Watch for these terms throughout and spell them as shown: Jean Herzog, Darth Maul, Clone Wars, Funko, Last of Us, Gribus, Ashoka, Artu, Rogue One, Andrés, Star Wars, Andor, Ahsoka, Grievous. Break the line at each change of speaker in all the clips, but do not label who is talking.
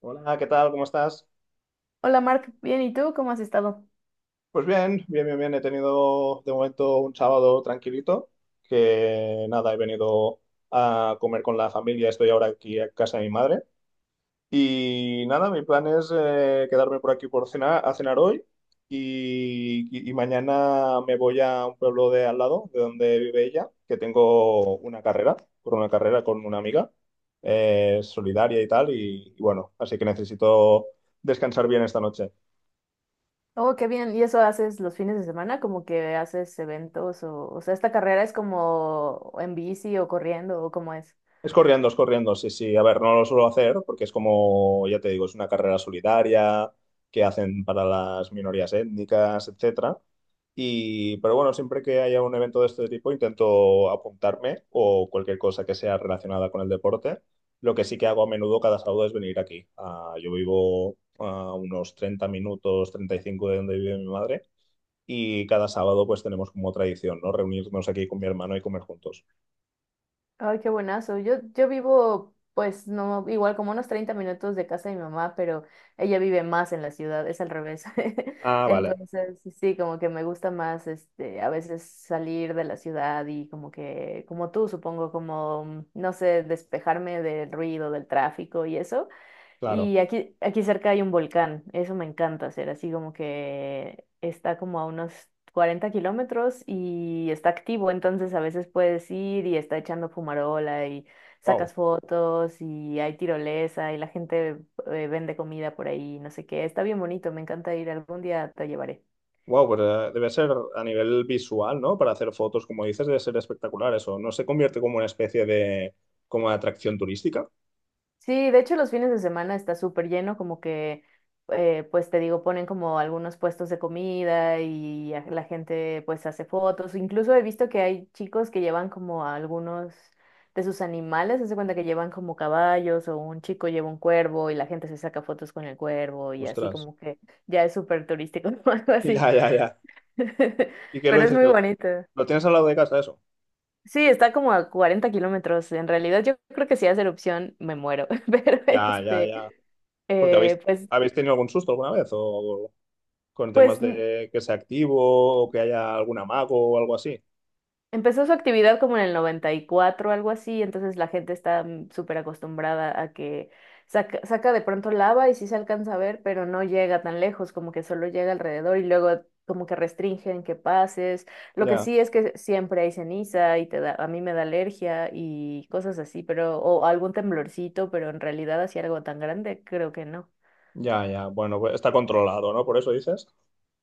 Hola, ¿qué tal? ¿Cómo estás?
Hola Mark, bien, ¿y tú cómo has estado?
Pues bien, bien, bien, bien. He tenido de momento un sábado tranquilito, que nada, he venido a comer con la familia, estoy ahora aquí a casa de mi madre. Y nada, mi plan es quedarme por aquí por cenar, a cenar hoy y mañana me voy a un pueblo de al lado, de donde vive ella, que tengo una carrera, por una carrera con una amiga solidaria y tal, y bueno, así que necesito descansar bien esta noche.
Oh, qué bien, ¿y eso haces los fines de semana? Como que haces eventos o sea, esta carrera es como en bici o corriendo o cómo es.
Es corriendo, sí, sí. A ver, no lo suelo hacer porque es como, ya te digo, es una carrera solidaria que hacen para las minorías étnicas, etcétera. Y, pero bueno, siempre que haya un evento de este tipo intento apuntarme o cualquier cosa que sea relacionada con el deporte. Lo que sí que hago a menudo cada sábado es venir aquí. Ah, yo vivo a unos 30 minutos, 35 de donde vive mi madre. Y cada sábado pues tenemos como tradición, ¿no? Reunirnos aquí con mi hermano y comer juntos.
Ay, qué buenazo. Yo vivo, pues, no, igual como unos 30 minutos de casa de mi mamá, pero ella vive más en la ciudad, es al revés.
Ah, vale,
Entonces, sí, como que me gusta más, este, a veces salir de la ciudad y como que, como tú, supongo, como, no sé, despejarme del ruido, del tráfico y eso.
claro.
Y aquí cerca hay un volcán, eso me encanta hacer, así como que está como a unos 40 kilómetros y está activo, entonces a veces puedes ir y está echando fumarola y
Wow.
sacas fotos y hay tirolesa y la gente vende comida por ahí, no sé qué, está bien bonito, me encanta ir, algún día te llevaré.
Wow, pues debe ser a nivel visual, ¿no? Para hacer fotos, como dices, debe ser espectacular eso. ¿No se convierte como una especie de, como de atracción turística?
Sí, de hecho los fines de semana está súper lleno, como que, pues te digo, ponen como algunos puestos de comida y la gente pues hace fotos. Incluso he visto que hay chicos que llevan como a algunos de sus animales, se cuenta que llevan como caballos o un chico lleva un cuervo y la gente se saca fotos con el cuervo y así
Ostras.
como que ya es súper turístico o algo así.
Ya, ya, ya. ¿Y qué lo
Pero es
dices? ¿Que
muy bonito.
lo tienes al lado de casa eso?
Sí, está como a 40 kilómetros. En realidad yo creo que si hace erupción me muero, pero
Ya, ya,
este...
ya. Porque habéis,
Eh, pues,
¿habéis tenido algún susto alguna vez? ¿O con temas
pues
de que sea activo o que haya algún amago o algo así?
empezó su actividad como en el 94, algo así, entonces la gente está súper acostumbrada a que saca, saca de pronto lava y sí se alcanza a ver, pero no llega tan lejos, como que solo llega alrededor y luego como que restringen que pases. Lo que
Ya,
sí es que siempre hay ceniza y te da, a mí me da alergia y cosas así, pero, o algún temblorcito, pero en realidad así algo tan grande, creo que no.
ya, ya. Bueno, pues está controlado, ¿no? Por eso dices.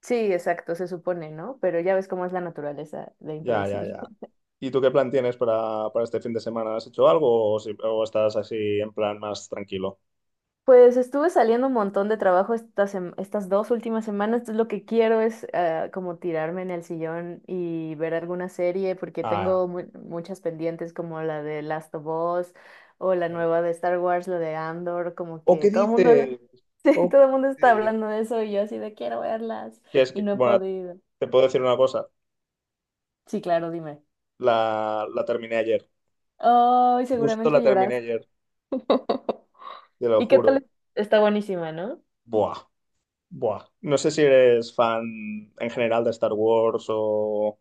Sí, exacto, se supone, ¿no? Pero ya ves cómo es la naturaleza de
Ya, ya,
impredecible.
ya. ¿Y tú qué plan tienes para este fin de semana? ¿Has hecho algo o, o estás así en plan más tranquilo?
Pues estuve saliendo un montón de trabajo estas dos últimas semanas, entonces lo que quiero es como tirarme en el sillón y ver alguna serie porque
Ah,
tengo muchas pendientes como la de Last of Us o la nueva de Star Wars, la de Andor, como
¿o
que
qué
todo el mundo,
dices?
sí,
¿O qué
todo el mundo está
dices?
hablando de eso y yo así de quiero verlas
Y es
y
que,
no he
bueno,
podido.
te puedo decir una cosa.
Sí, claro, dime.
La terminé ayer.
Ay,
Justo la
seguramente lloras.
terminé ayer, te lo
¿Y qué
juro.
tal? Está buenísima, ¿no?
Buah, buah. No sé si eres fan en general de Star Wars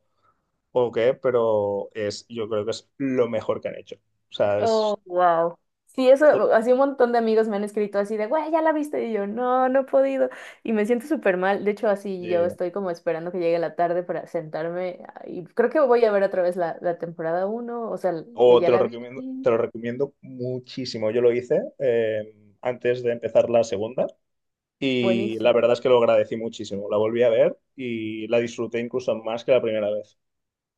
o qué, pero es, yo creo que es lo mejor que han hecho. O sea, es...
Oh, wow. Sí, eso, así un montón de amigos me han escrito así de, güey, ya la viste. Y yo, no, no he podido. Y me siento súper mal. De hecho, así yo
Sí.
estoy como esperando que llegue la tarde para sentarme. Y creo que voy a ver otra vez la temporada uno, o sea, que
O
ya la vi.
te lo recomiendo muchísimo. Yo lo hice antes de empezar la segunda y la
Buenísimo.
verdad es que lo agradecí muchísimo. La volví a ver y la disfruté incluso más que la primera vez.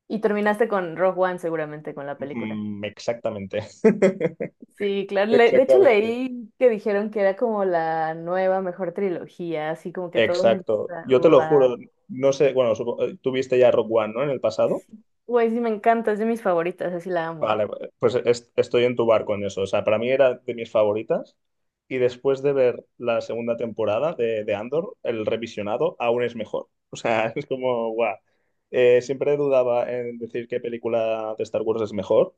Y terminaste con Rogue One, seguramente, con la película.
Mm, exactamente.
Sí, claro. De hecho,
Exactamente.
leí que dijeron que era como la nueva mejor trilogía, así como que todo el mundo
Exacto.
está,
Yo te lo
"Guau".
juro, no sé, bueno, tuviste ya Rock One, ¿no? En el pasado.
Güey, sí, me encanta, es de mis favoritas, así la amo.
Vale, pues estoy en tu barco en eso. O sea, para mí era de mis favoritas. Y después de ver la segunda temporada de Andor, el revisionado aún es mejor. O sea, es como, guau. Siempre dudaba en decir qué película de Star Wars es mejor.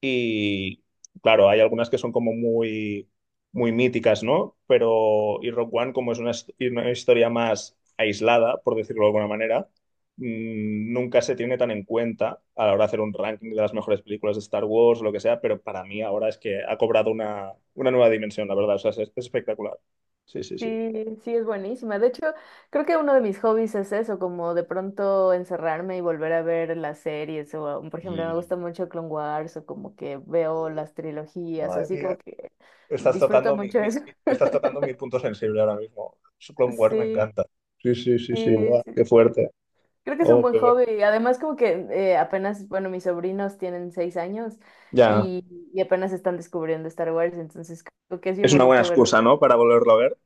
Y claro, hay algunas que son como muy, muy míticas, ¿no? Pero, y Rogue One, como es una, una historia más aislada, por decirlo de alguna manera mm, nunca se tiene tan en cuenta a la hora de hacer un ranking de las mejores películas de Star Wars o lo que sea, pero para mí ahora es que ha cobrado una nueva dimensión, la verdad. O sea, es espectacular. Sí, sí, sí.
Sí, sí, es buenísima. De hecho, creo que uno de mis hobbies es eso, como de pronto encerrarme y volver a ver las series. O, por ejemplo, me
Y
gusta mucho Clone Wars o como que veo las trilogías o
madre
así
mía,
como que disfruto mucho eso.
estás tocando mi punto sensible ahora mismo. Su Clone Wars me
Sí,
encanta. Sí, sí, sí, sí,
sí,
buah, qué
sí.
fuerte.
Creo que es un
Oh,
buen
qué bueno.
hobby. Además, como que apenas, bueno, mis sobrinos tienen 6 años
Ya,
y, y apenas están descubriendo Star Wars, entonces creo que es bien
es una buena
bonito verlo.
excusa, ¿no? Para volverlo a ver.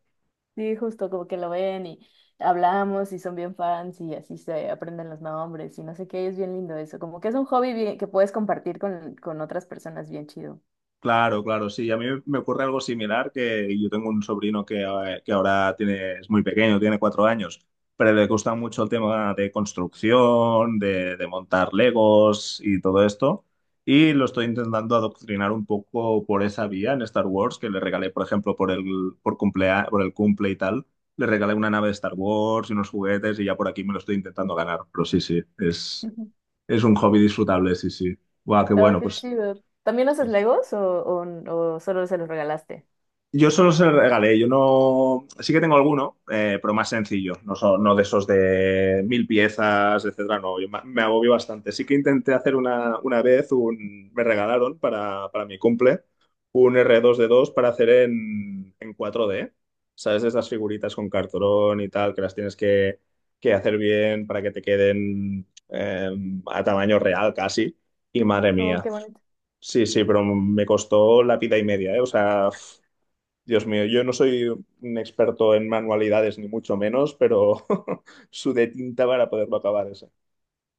Sí, justo como que lo ven y hablamos y son bien fans y así se aprenden los nombres y no sé qué, es bien lindo eso, como que es un hobby bien- que puedes compartir con otras personas, bien chido.
Claro, claro, sí. A mí me ocurre algo similar que yo tengo un sobrino que ahora tiene, es muy pequeño, tiene 4 años, pero le gusta mucho el tema de construcción, de montar Legos y todo esto. Y lo estoy intentando adoctrinar un poco por esa vía en Star Wars, que le regalé, por ejemplo, por el cumple y tal, le regalé una nave de Star Wars y unos juguetes y ya por aquí me lo estoy intentando ganar. Pero sí, sí,
Ujú.
es un hobby disfrutable, sí, sí. Guau, qué
Oh,
bueno,
qué
pues.
chido. ¿También
Sí,
haces
sí.
Legos o, o solo se los regalaste?
Yo solo se los regalé, yo no. Sí que tengo alguno, pero más sencillo. No, son, no de esos de 1.000 piezas, etcétera. No, yo me agobio bastante. Sí que intenté hacer una vez, un... me regalaron para mi cumple un R2-D2 para hacer en 4D. ¿Sabes? Esas figuritas con cartón y tal, que las tienes que hacer bien para que te queden a tamaño real casi. Y madre
Oh,
mía.
qué bonito.
Sí, sí, pero me costó la pita y media, ¿eh? O sea, Dios mío, yo no soy un experto en manualidades, ni mucho menos, pero sudé tinta para poderlo acabar ese.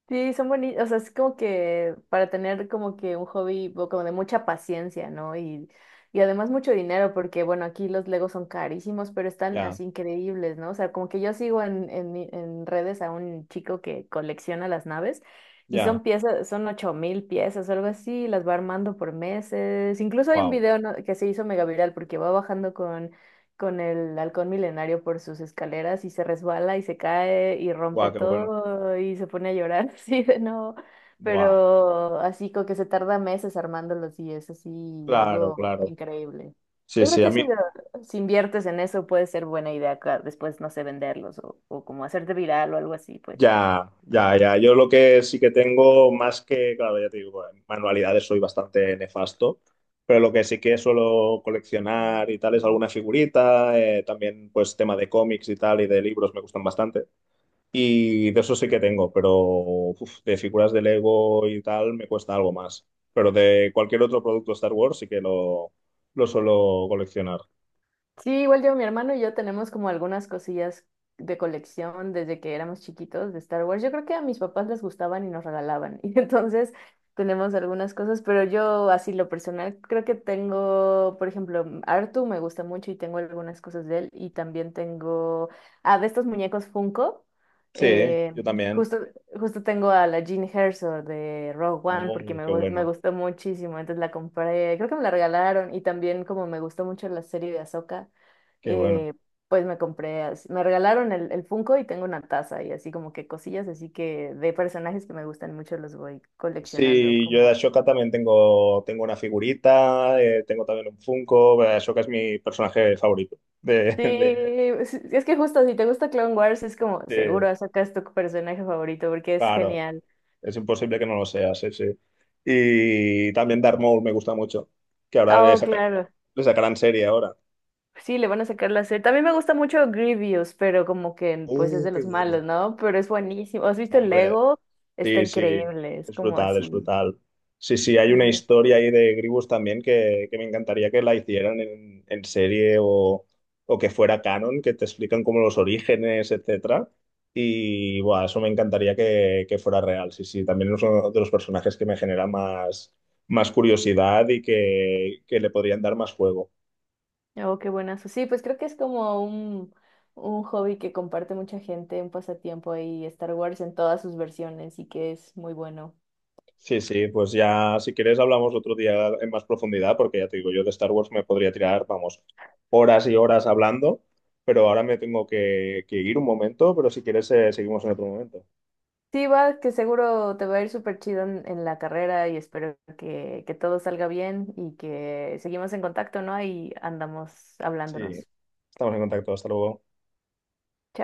Sí, son bonitos, o sea, es como que para tener como que un hobby o como de mucha paciencia, ¿no? Y además mucho dinero, porque bueno, aquí los Legos son carísimos, pero están
Ya,
así increíbles, ¿no? O sea, como que yo sigo en redes a un chico que colecciona las naves y
ya.
son piezas, son 8.000 piezas o algo así, las va armando por meses. Incluso hay un
Wow.
video, ¿no?, que se hizo mega viral porque va bajando con el halcón milenario por sus escaleras y se resbala y se cae y
Wow,
rompe
qué bueno.
todo y se pone a llorar así de no,
Wow.
pero así como que se tarda meses armándolos y es así
Claro,
algo
claro.
increíble.
Sí,
Yo creo
sí, a
que si,
mí.
si inviertes en eso puede ser buena idea después, no sé, venderlos o, como hacerte viral o algo así, pues.
Ya, ya, ya. Yo lo que sí que tengo, más que, claro, ya te digo, en manualidades soy bastante nefasto, pero lo que sí que suelo coleccionar y tal es alguna figurita, también pues tema de cómics y tal y de libros me gustan bastante. Y de eso sí que tengo, pero uf, de figuras de Lego y tal me cuesta algo más. Pero de cualquier otro producto Star Wars sí que lo suelo coleccionar.
Sí, igual yo, mi hermano y yo tenemos como algunas cosillas de colección desde que éramos chiquitos de Star Wars. Yo creo que a mis papás les gustaban y nos regalaban. Y entonces tenemos algunas cosas, pero yo así lo personal creo que tengo, por ejemplo, Artu me gusta mucho y tengo algunas cosas de él. Y también tengo, de estos muñecos Funko.
Sí,
eh,
yo también.
justo Justo tengo a la Jean Herzog de Rogue One porque
Oh, qué
me
bueno,
gustó muchísimo, entonces la compré, creo que me la regalaron y también como me gustó mucho la serie de Ahsoka,
qué bueno.
eh, pues me regalaron el Funko y tengo una taza y así como que cosillas, así que de personajes que me gustan mucho los voy coleccionando
Sí, yo de
como...
Ashoka también tengo, tengo una figurita, tengo también un Funko. Ashoka es mi personaje favorito. De,
Sí,
de-
es que justo si te gusta Clone Wars es como
de-
seguro Ahsoka es tu personaje favorito porque es
claro,
genial.
es imposible que no lo sea, sí, sí. Y también Darth Maul me gusta mucho, que ahora
Oh, claro.
le sacarán serie ahora.
Sí, le van a sacar la serie. También me gusta mucho Grievous, pero como que pues es
Oh,
de
qué
los
bueno.
malos, ¿no? Pero es buenísimo. ¿Has visto
No,
el
hombre,
Lego? Está
sí, sí,
increíble, es
es
como
brutal, es
así.
brutal. Sí, sí, hay
Sí.
una historia ahí de Gribus también que me encantaría que la hicieran en serie o que fuera canon, que te explican como los orígenes, etcétera. Y bueno, eso me encantaría que fuera real. Sí, sí, también es uno de los personajes que me genera más, más curiosidad y que le podrían dar más juego.
Oh, qué buenazo. Sí, pues creo que es como un hobby que comparte mucha gente, un pasatiempo ahí, Star Wars en todas sus versiones y que es muy bueno.
Sí, sí, pues ya si quieres hablamos otro día en más profundidad, porque ya te digo, yo de Star Wars me podría tirar, vamos, horas y horas hablando, pero ahora me tengo que ir un momento, pero si quieres seguimos en otro momento.
Sí, va, que seguro te va a ir súper chido en la carrera y espero que, todo salga bien y que seguimos en contacto, ¿no? Ahí andamos
Sí,
hablándonos.
estamos en contacto, hasta luego.